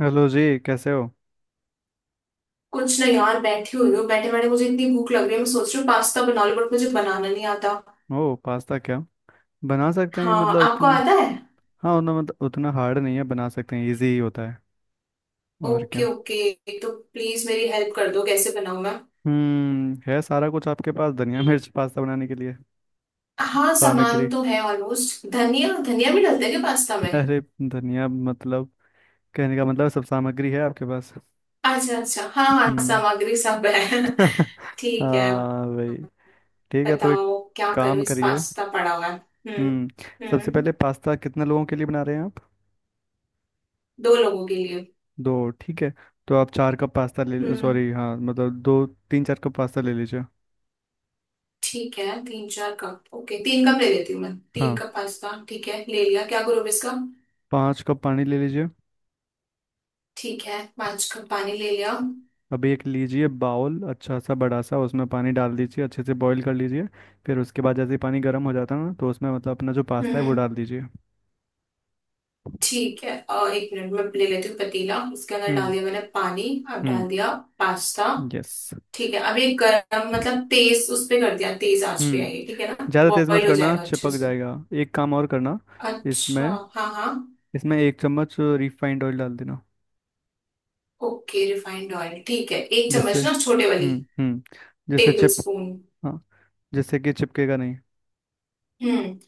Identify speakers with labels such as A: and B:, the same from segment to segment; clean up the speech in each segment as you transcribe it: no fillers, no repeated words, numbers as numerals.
A: Hello जी, कैसे हो।
B: कुछ नहीं यार, बैठी हुई हूँ। बैठे बैठे मुझे इतनी भूख लग रही है, मैं सोच रही हूँ पास्ता बना लूँ, बट मुझे बनाना नहीं आता।
A: ओ पास्ता क्या बना सकते हैं
B: हाँ,
A: मतलब
B: आपको
A: उतना।
B: आता है?
A: हाँ, उतना मतलब उतना हार्ड नहीं है, बना सकते हैं, इजी ही होता है। और
B: ओके
A: क्या,
B: ओके, तो प्लीज मेरी हेल्प कर दो, कैसे बनाऊँ मैं?
A: हम्म, है सारा कुछ आपके पास? धनिया मिर्च पास्ता बनाने के लिए
B: हाँ,
A: सामग्री?
B: सामान तो है ऑलमोस्ट। धनिया, धनिया भी डालते हैं क्या पास्ता में?
A: अरे धनिया मतलब, कहने का मतलब सब सामग्री है आपके पास।
B: अच्छा अच्छा, हाँ हाँ,
A: हम्म।
B: सामग्री सब है। ठीक है।
A: हाँ भाई। ठीक है, तो एक
B: बताओ क्या
A: काम
B: करूँ, इस
A: करिए।
B: पास्ता पड़ा हुआ है। हम्म।
A: हम्म। सबसे
B: हम्म।
A: पहले पास्ता कितने लोगों के लिए बना रहे हैं आप?
B: दो लोगों के लिए।
A: दो, ठीक है। तो आप 4 कप पास्ता ले
B: हम्म,
A: सॉरी हाँ मतलब 2 3 4 कप पास्ता ले लीजिए।
B: ठीक है, 3 4 कप। ओके, 3 कप ले लेती हूँ मैं। तीन
A: हाँ,
B: कप पास्ता ठीक है, ले लिया, क्या करूँ अब इसका?
A: 5 कप पानी ले लीजिए।
B: ठीक है, 5 कप पानी ले लिया।
A: अभी एक लीजिए बाउल अच्छा सा बड़ा सा, उसमें पानी डाल दीजिए, अच्छे से बॉईल कर लीजिए। फिर उसके बाद जैसे ही पानी गर्म हो जाता है ना, तो उसमें मतलब अपना जो पास्ता है वो
B: हम्म,
A: डाल दीजिए।
B: ठीक है, और 1 मिनट में ले लेती हूँ पतीला। उसके अंदर डाल
A: हम्म।
B: दिया मैंने पानी। अब
A: हम्म।
B: डाल दिया पास्ता।
A: यस।
B: ठीक है, अब ये गरम मतलब तेज उस पे कर दिया, तेज आंच पे
A: हम्म,
B: आएगी, ठीक है ना,
A: ज़्यादा तेज़ मत
B: बॉईल हो
A: करना,
B: जाएगा अच्छे
A: चिपक
B: से।
A: जाएगा। एक काम और करना
B: अच्छा।
A: इसमें।
B: हाँ हाँ।
A: इसमें 1 चम्मच रिफाइंड ऑयल डाल देना।
B: ओके, रिफाइंड ऑयल ठीक है, एक
A: जिससे
B: चम्मच ना, छोटे वाली?
A: हम्म, जिससे
B: टेबल
A: चिप,
B: स्पून।
A: हाँ, जिससे कि चिपकेगा नहीं।
B: हम्म,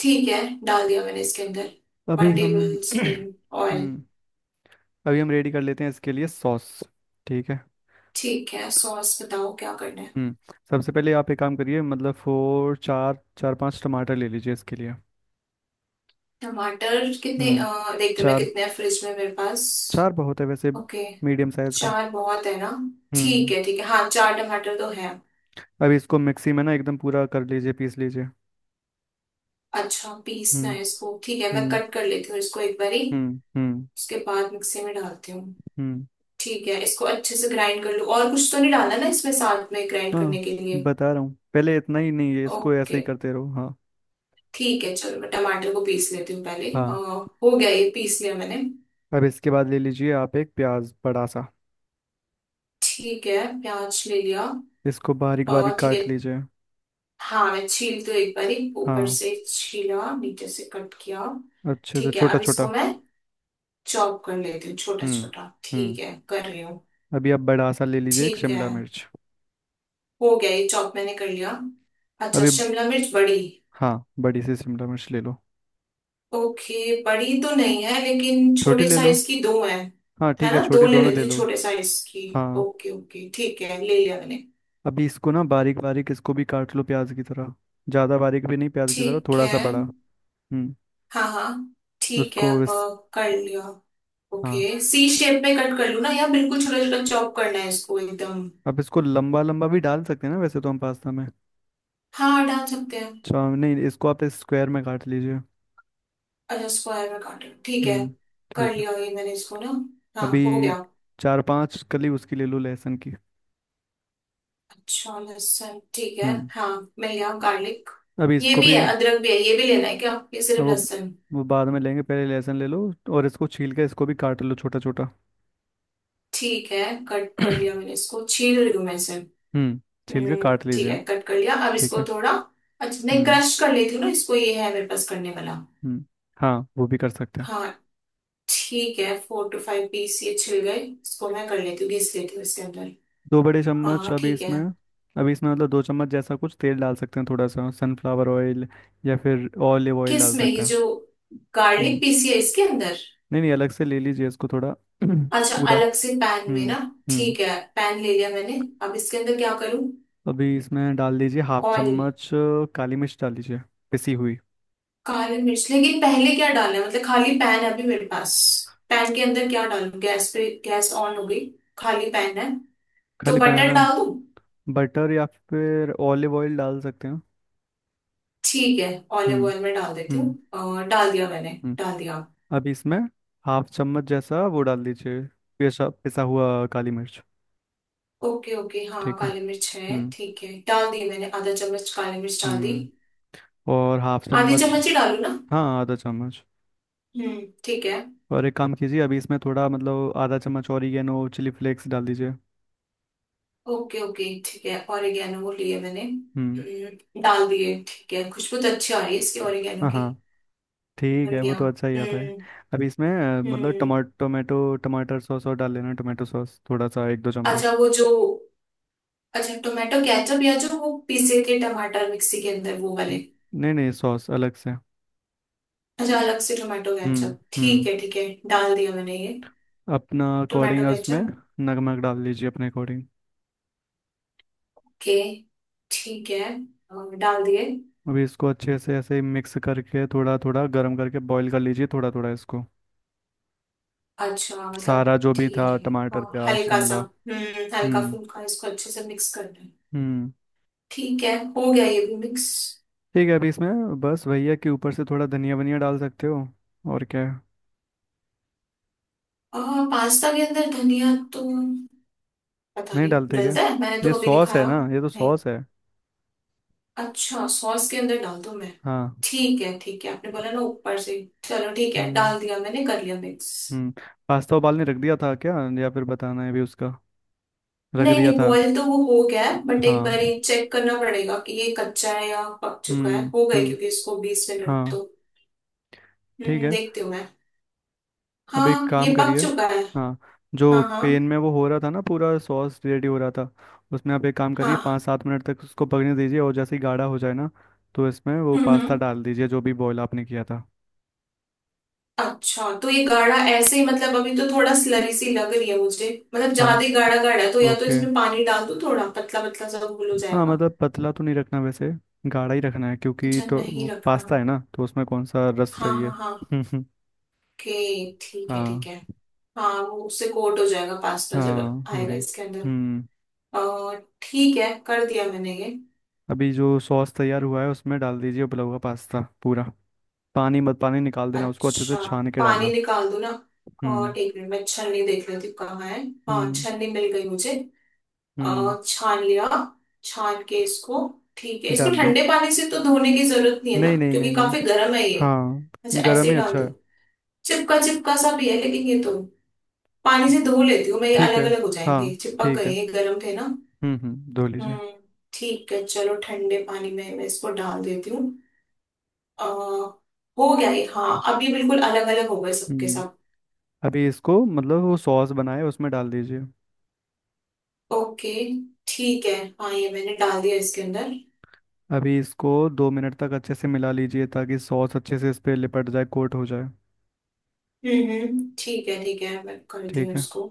B: ठीक है, डाल दिया मैंने इसके अंदर,
A: अभी
B: वन
A: हम
B: टेबल स्पून ऑयल।
A: हम्म, अभी हम रेडी कर लेते हैं इसके लिए सॉस। ठीक है।
B: ठीक है, सॉस बताओ क्या करना है।
A: हम्म। सबसे पहले आप एक काम करिए मतलब फोर 4 4 5 टमाटर ले लीजिए इसके लिए।
B: टमाटर कितने,
A: हम्म।
B: देखते हैं मैं
A: चार,
B: कितने हैं फ्रिज में मेरे पास।
A: चार बहुत है वैसे,
B: ओके।
A: मीडियम साइज का।
B: 4 बहुत है ना? ठीक
A: हम्म।
B: है ठीक है, हाँ, 4 टमाटर तो है।
A: अब इसको मिक्सी में ना एकदम पूरा कर लीजिए, पीस लीजिए।
B: अच्छा, पीसना
A: हम्म।
B: है इसको? ठीक है, मैं
A: हम्म।
B: कट कर लेती हूँ इसको एक बारी,
A: हम्म। हम्म।
B: उसके बाद मिक्सी में डालती हूँ।
A: हम्म।
B: ठीक है, इसको अच्छे से ग्राइंड कर लूँ, और कुछ तो नहीं डालना ना इसमें साथ में ग्राइंड
A: हाँ,
B: करने के लिए?
A: बता रहा हूँ, पहले इतना ही नहीं है इसको, ऐसे
B: ओके,
A: ही करते रहो। हाँ।
B: ठीक है, चलो मैं टमाटर को पीस लेती हूँ पहले।
A: हाँ।
B: हो गया, ये पीस लिया मैंने।
A: अब इसके बाद ले लीजिए आप 1 प्याज बड़ा सा।
B: ठीक है, प्याज ले लिया।
A: इसको बारीक बारीक
B: ठीक है।
A: काट लीजिए।
B: हाँ, मैं छील तो एक बार ही ऊपर
A: हाँ,
B: से छीला, नीचे से कट किया।
A: अच्छे से
B: ठीक है,
A: छोटा
B: अब इसको
A: छोटा।
B: मैं चॉप कर लेती हूँ छोटा
A: हम्म।
B: छोटा।
A: हम्म।
B: ठीक है, कर रही हूँ।
A: अभी आप बड़ा सा ले लीजिए एक
B: ठीक है,
A: शिमला मिर्च
B: हो गया ये चॉप मैंने कर लिया। अच्छा,
A: अभी,
B: शिमला मिर्च बड़ी?
A: हाँ बड़ी सी शिमला मिर्च ले लो।
B: ओके, बड़ी तो नहीं है लेकिन
A: छोटी
B: छोटे
A: ले लो,
B: साइज की दो है।
A: हाँ
B: है
A: ठीक है,
B: ना, दो
A: छोटी
B: ले
A: दोनों
B: लेती
A: ले
B: हूँ
A: लो।
B: छोटे साइज की।
A: हाँ।
B: ओके ओके, ठीक है, ले लिया मैंने।
A: अभी इसको ना बारीक बारीक, इसको भी काट लो प्याज की तरह। ज़्यादा बारीक भी नहीं, प्याज की तरह
B: ठीक
A: थोड़ा सा
B: है।
A: बड़ा। हम्म।
B: हाँ हाँ। ठीक है।
A: उसको इस,
B: कर लिया।
A: हाँ
B: ओके, सी शेप में कट कर लूँ ना, या बिल्कुल छोटा छोटा चॉप करना है इसको एकदम?
A: अब इसको लंबा लंबा भी डाल सकते हैं ना वैसे तो हम पास्ता में।
B: हाँ, डाल सकते हैं।
A: अच्छा नहीं, इसको आप स्क्वायर में काट लीजिए।
B: अच्छा, स्क्वायर में काटे, ठीक है।
A: हम्म।
B: कर
A: ठीक है।
B: लिया ये मैंने, इसको ना। हाँ, हो
A: अभी
B: गया।
A: 4 5 कली उसकी ले लो, लहसुन की।
B: अच्छा, लहसुन, ठीक है,
A: हम्म।
B: हाँ। मिल गया गार्लिक।
A: अभी
B: ये
A: इसको
B: भी
A: भी,
B: है, अदरक भी है, ये भी लेना है क्या, ये
A: अब
B: सिर्फ
A: वो
B: लहसुन?
A: वो बाद में लेंगे, पहले लहसुन ले लो। और इसको छील के, इसको भी काट लो छोटा छोटा।
B: ठीक है, कट कर लिया मैंने, इसको छील रही हूँ मैं इसे।
A: हम्म, छील के काट
B: ठीक
A: लीजिए।
B: है, कट कर लिया, अब
A: ठीक
B: इसको
A: है।
B: थोड़ा, अच्छा नहीं
A: हम्म।
B: क्रश कर लेती हूँ ना इसको, ये है मेरे पास करने वाला।
A: हम्म। हाँ, वो भी कर सकते हैं।
B: हाँ। ठीक है, 4 to 5 पीस ये छिल गए, इसको मैं कर लेती हूँ, घिस लेती हूँ इसके अंदर।
A: 2 बड़े चम्मच
B: हाँ,
A: अभी
B: ठीक है।
A: इसमें। अभी इसमें मतलब 2 चम्मच जैसा कुछ तेल डाल सकते हैं, थोड़ा सा सनफ्लावर ऑयल या फिर ऑलिव ऑयल डाल
B: किस में,
A: सकते
B: ये
A: हैं।
B: जो गार्लिक
A: हम्म।
B: पीसी है इसके अंदर?
A: नहीं नहीं, अलग से ले लीजिए इसको थोड़ा।
B: अच्छा,
A: पूरा।
B: अलग से पैन में
A: हम्म।
B: ना।
A: हम्म।
B: ठीक है, पैन ले लिया मैंने। अब इसके अंदर क्या करूँ?
A: अभी इसमें डाल दीजिए हाफ
B: ऑयल?
A: चम्मच काली मिर्च डाल दीजिए, पिसी हुई।
B: काली मिर्च, लेकिन पहले क्या डालना है, मतलब खाली पैन है अभी मेरे पास। पैन के अंदर क्या डालूं, गैस पे, गैस ऑन हो गई, खाली पैन है, तो
A: खाली
B: बटर
A: बनाना।
B: डाल दूं?
A: बटर या फिर ऑलिव ऑयल डाल सकते हैं।
B: ठीक है, ऑलिव
A: हम्म।
B: ऑयल में डाल देती हूँ।
A: हम्म।
B: डाल दिया मैंने।
A: हम्म।
B: डाल दिया।
A: अब इसमें हाफ चम्मच जैसा वो डाल दीजिए, पिसा पिसा हुआ काली मिर्च।
B: ओके ओके, हाँ,
A: ठीक है।
B: काली मिर्च है,
A: हम्म।
B: ठीक है, डाल दी मैंने, ½ चम्मच काली मिर्च डाल दी।
A: हम्म। और हाफ
B: आधी
A: चम्मच।
B: चम्मच ही डालू ना?
A: हाँ, आधा चम्मच।
B: हम्म, ठीक है।
A: और एक काम कीजिए, अभी इसमें थोड़ा मतलब आधा चम्मच ऑरिगेनो चिली फ्लेक्स डाल दीजिए।
B: ओके ओके, ठीक है, ऑरिगेनो वो लिए मैंने।
A: हम्म।
B: डाल दिए। ठीक है, खुशबू तो अच्छी आ रही है इसकी, ऑरिगेनो
A: हाँ
B: की।
A: हाँ, ठीक
B: बन
A: है, वो
B: गया।
A: तो अच्छा ही आता है।
B: हम्म।
A: अभी इसमें मतलब
B: हम्म।
A: टमा टोमेटो टमाटर सॉस और डाल लेना, टोमेटो सॉस थोड़ा सा, एक दो
B: अच्छा
A: चम्मच
B: वो जो, अच्छा टोमेटो केचप या जो वो पीसे थे टमाटर मिक्सी के अंदर वो वाले?
A: नहीं नहीं, सॉस अलग से।
B: अच्छा, अलग से टोमेटो केचप,
A: हम्म,
B: ठीक है ठीक है, डाल दिया मैंने ये
A: अपना
B: टोमेटो
A: अकॉर्डिंग उसमें
B: केचप
A: नमक डाल लीजिए, अपने अकॉर्डिंग।
B: के। ठीक है, और डाल दिए।
A: अभी इसको अच्छे से ऐसे ही मिक्स करके, थोड़ा थोड़ा गर्म करके बॉईल कर लीजिए थोड़ा थोड़ा इसको।
B: अच्छा मतलब
A: सारा जो भी
B: ठीक है
A: था,
B: ठीक है,
A: टमाटर
B: हाँ
A: प्याज
B: हल्का सा,
A: शिमला।
B: हम्म, हल्का
A: हम्म।
B: फुल्का, इसको अच्छे से मिक्स करना है।
A: हम्म।
B: ठीक है, हो गया ये भी मिक्स।
A: ठीक है, अभी इसमें बस भैया के ऊपर से थोड़ा धनिया वनिया डाल सकते हो। और क्या है?
B: और पास्ता के अंदर धनिया तो पता
A: नहीं
B: नहीं
A: डालते क्या?
B: डलता है, मैंने
A: ये
B: तो कभी नहीं
A: सॉस है
B: खाया
A: ना, ये तो
B: नहीं।
A: सॉस है।
B: अच्छा, सॉस के अंदर डाल दूं मैं?
A: हाँ।
B: ठीक है ठीक है, आपने बोला ना ऊपर से, चलो ठीक है,
A: हम्म।
B: डाल दिया मैंने, कर लिया मिक्स।
A: हम्म। पास्ता उबालने रख दिया था क्या, या फिर बताना है भी उसका? रख
B: नहीं
A: दिया
B: नहीं,
A: था।
B: बॉयल तो वो हो गया है, बट एक बार
A: हाँ।
B: ये चेक करना पड़ेगा कि ये कच्चा है या पक चुका है,
A: हम्म।
B: हो गए
A: हम्म।
B: क्योंकि इसको 20 मिनट
A: हाँ।
B: तो।
A: ठीक है,
B: देखती हूँ मैं।
A: अब एक
B: हाँ,
A: काम
B: ये पक
A: करिए।
B: चुका है।
A: हाँ,
B: हाँ
A: जो
B: हाँ
A: पेन में वो हो रहा था ना, पूरा सॉस रेडी हो रहा था, उसमें आप एक काम करिए, पाँच
B: हाँ।
A: सात मिनट तक उसको पकने दीजिए, और जैसे ही गाढ़ा हो जाए ना तो इसमें वो
B: हम्म
A: पास्ता
B: हम्म।
A: डाल दीजिए जो भी बॉईल आपने किया था।
B: अच्छा, तो ये गाढ़ा ऐसे ही, मतलब अभी तो थोड़ा स्लरी सी लग रही है मुझे, मतलब ज्यादा
A: हाँ।
B: ही गाढ़ा गाढ़ा है, तो या तो
A: ओके।
B: इसमें पानी डाल दो, थोड़ा पतला पतला सा घोल हो
A: हाँ
B: जाएगा।
A: मतलब पतला तो नहीं रखना वैसे, गाढ़ा ही रखना है, क्योंकि
B: अच्छा,
A: तो वो
B: नहीं रखना।
A: पास्ता है ना तो उसमें कौन सा रस
B: हाँ
A: चाहिए।
B: हाँ हाँ। ओके। ठीक है ठीक
A: हाँ,
B: है। हाँ, वो उससे कोट हो जाएगा पास्ता जब
A: हाँ
B: आएगा
A: वही।
B: इसके अंदर।
A: हम्म।
B: अ, ठीक है, कर दिया मैंने ये।
A: अभी जो सॉस तैयार हुआ है उसमें डाल दीजिए उबला हुआ पास्ता पूरा। पानी मत, पानी निकाल देना उसको, अच्छे से
B: अच्छा,
A: छान के
B: पानी
A: डालना।
B: निकाल दूं ना?
A: हम्म।
B: और एक मिनट मैं छन्नी देख लेती हूँ कहाँ है। हाँ,
A: हम्म।
B: छन्नी मिल गई मुझे।
A: हम्म।
B: छान लिया, छान के इसको। ठीक है, इसको
A: डाल दो।
B: ठंडे पानी से तो धोने की जरूरत नहीं है ना,
A: नहीं नहीं नहीं
B: क्योंकि
A: नहीं।
B: काफी गर्म है ये?
A: हाँ,
B: अच्छा, ऐसे
A: गरम ही
B: ही डाल
A: अच्छा
B: दूं?
A: है।
B: चिपका चिपका सा भी है लेकिन ये तो, पानी से धो लेती हूँ मैं, ये
A: ठीक
B: अलग
A: है।
B: अलग हो जाएंगे,
A: हाँ
B: चिपक
A: ठीक है,
B: गए ये गर्म थे ना।
A: हम्म, धो लीजिए।
B: हम्म, ठीक है, चलो ठंडे पानी में मैं इसको डाल देती हूँ। अ, हो गया ये। हाँ, अब ये बिल्कुल अलग अलग हो गए सबके
A: हम्म।
B: सब।
A: अभी इसको मतलब वो सॉस बनाए उसमें डाल दीजिए।
B: ओके, ठीक है। हाँ, ये मैंने डाल दिया इसके अंदर।
A: अभी इसको 2 मिनट तक अच्छे से मिला लीजिए, ताकि सॉस अच्छे से इस पे लिपट जाए, कोट हो जाए।
B: ठीक है ठीक है, मैं कर दी
A: ठीक
B: हूँ
A: है।
B: इसको।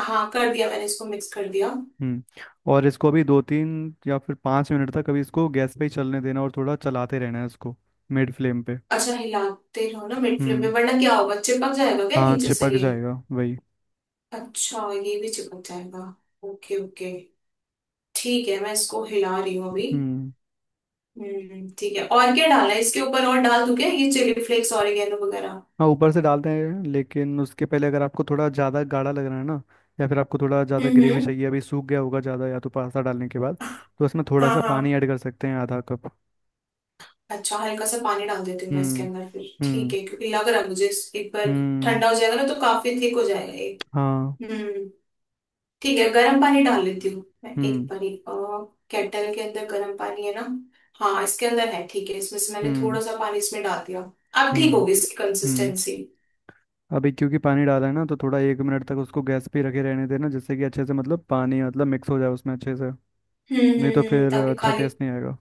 B: हाँ, कर दिया मैंने, इसको मिक्स कर दिया।
A: हम्म। और इसको अभी 2 3 या फिर 5 मिनट तक अभी इसको गैस पे ही चलने देना, और थोड़ा चलाते रहना है इसको, मिड फ्लेम पे।
B: अच्छा, हिलाते रहो ना मिड फ्लेम में,
A: हम्म।
B: वरना क्या होगा, चिपक जाएगा क्या
A: हाँ,
B: नीचे से
A: चिपक
B: ये?
A: जाएगा, वही।
B: अच्छा, ये भी चिपक जाएगा। ओके ओके, ठीक है, मैं इसको हिला रही हूँ अभी।
A: हम्म।
B: हम्म, ठीक है, और क्या डाला है इसके ऊपर, और डाल दूं क्या ये चिली फ्लेक्स ऑरिगेनो वगैरह?
A: हाँ, ऊपर से डालते हैं, लेकिन उसके पहले अगर आपको थोड़ा ज़्यादा गाढ़ा लग रहा है ना, या फिर आपको थोड़ा ज़्यादा ग्रेवी
B: हम्म।
A: चाहिए, अभी सूख गया होगा ज़्यादा या तो पास्ता डालने के बाद, तो उसमें थोड़ा
B: हाँ
A: सा
B: हाँ,
A: पानी ऐड कर सकते हैं, आधा कप।
B: अच्छा, हल्का सा पानी डाल देती हूँ मैं इसके
A: हम्म।
B: अंदर फिर, ठीक
A: हम्म।
B: है, क्योंकि लग रहा है मुझे एक बार
A: हम्म।
B: ठंडा हो जाएगा ना, तो काफी थिक हो जाएगा ये।
A: हाँ।
B: हम्म, ठीक है, गर्म पानी डाल लेती हूँ मैं एक
A: हम्म।
B: बारी। केटल के अंदर गर्म पानी है ना। हाँ, इसके अंदर है, ठीक है, इसमें से मैंने
A: हम्म।
B: थोड़ा सा पानी इसमें डाल दिया। अब ठीक
A: हम्म।
B: होगी इसकी
A: हम्म।
B: कंसिस्टेंसी।
A: अभी क्योंकि पानी डाला है ना तो थोड़ा 1 मिनट तक उसको गैस पे ही रखे रहने देना, जिससे कि अच्छे से मतलब पानी मतलब मिक्स हो जाए उसमें अच्छे से। नहीं तो फिर
B: ताकि
A: अच्छा
B: खाली,
A: टेस्ट नहीं आएगा।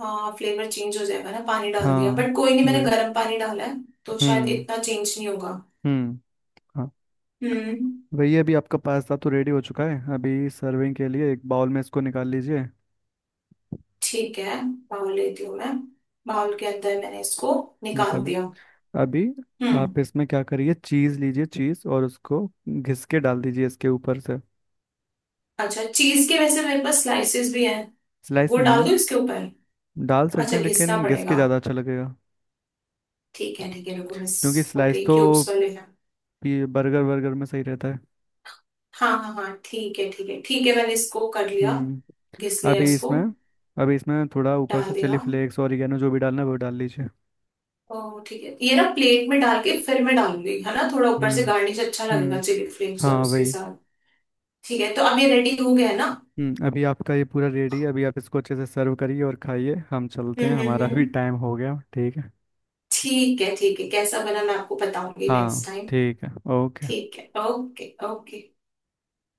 B: हाँ, फ्लेवर चेंज हो जाएगा ना, पानी डाल दिया,
A: हाँ,
B: बट कोई नहीं, मैंने
A: वही।
B: गर्म पानी डाला है तो शायद
A: हम्म।
B: इतना चेंज नहीं होगा।
A: हम्म। हाँ,
B: हम्म,
A: वही। अभी आपका पास्ता तो रेडी हो चुका है, अभी सर्विंग के लिए 1 बाउल में इसको निकाल लीजिए।
B: ठीक है, बाउल लेती हूँ मैं। बाउल के अंदर मैंने इसको निकाल
A: निकाल,
B: दिया।
A: अभी
B: हम्म।
A: आप इसमें क्या करिए, चीज़ लीजिए चीज़ और उसको घिस के डाल दीजिए इसके ऊपर से।
B: अच्छा, चीज के वैसे मेरे पास स्लाइसेस भी हैं,
A: स्लाइस
B: वो डाल
A: नहीं,
B: दूँ इसके ऊपर?
A: डाल सकते
B: अच्छा,
A: हैं
B: घिसना
A: लेकिन घिस के
B: पड़ेगा?
A: ज़्यादा अच्छा लगेगा।
B: ठीक है ठीक है, रुको मिस।
A: क्योंकि स्लाइस
B: ओके,
A: तो
B: क्यूब्स वाले हैं।
A: ये बर्गर वर्गर में सही रहता है।
B: हाँ हाँ हाँ, ठीक है ठीक है ठीक है, मैंने इसको कर लिया,
A: हम्म।
B: घिस लिया
A: अभी
B: इसको।
A: इसमें, अभी इसमें थोड़ा ऊपर
B: डाल
A: से चिली
B: दिया।
A: फ्लेक्स और ऑरिगेनो जो भी डालना है वो डाल लीजिए।
B: ओ, ठीक है, ये ना प्लेट में डाल के फिर मैं डालूंगी है ना, थोड़ा ऊपर से
A: हम्म।
B: गार्निश अच्छा लगेगा,
A: हम्म।
B: चिली फ्लेक्स और
A: हाँ
B: उसके
A: वही।
B: साथ। ठीक है, तो अब ये रेडी हो गया है ना?
A: हम्म, अभी आपका ये पूरा रेडी है, अभी आप इसको अच्छे से सर्व करिए और खाइए, हम चलते हैं, हमारा भी
B: हम्म,
A: टाइम हो गया, ठीक है।
B: ठीक है ठीक है, कैसा बना मैं आपको बताऊंगी
A: हाँ
B: नेक्स्ट टाइम।
A: ठीक है, ओके।
B: ठीक है, ओके ओके।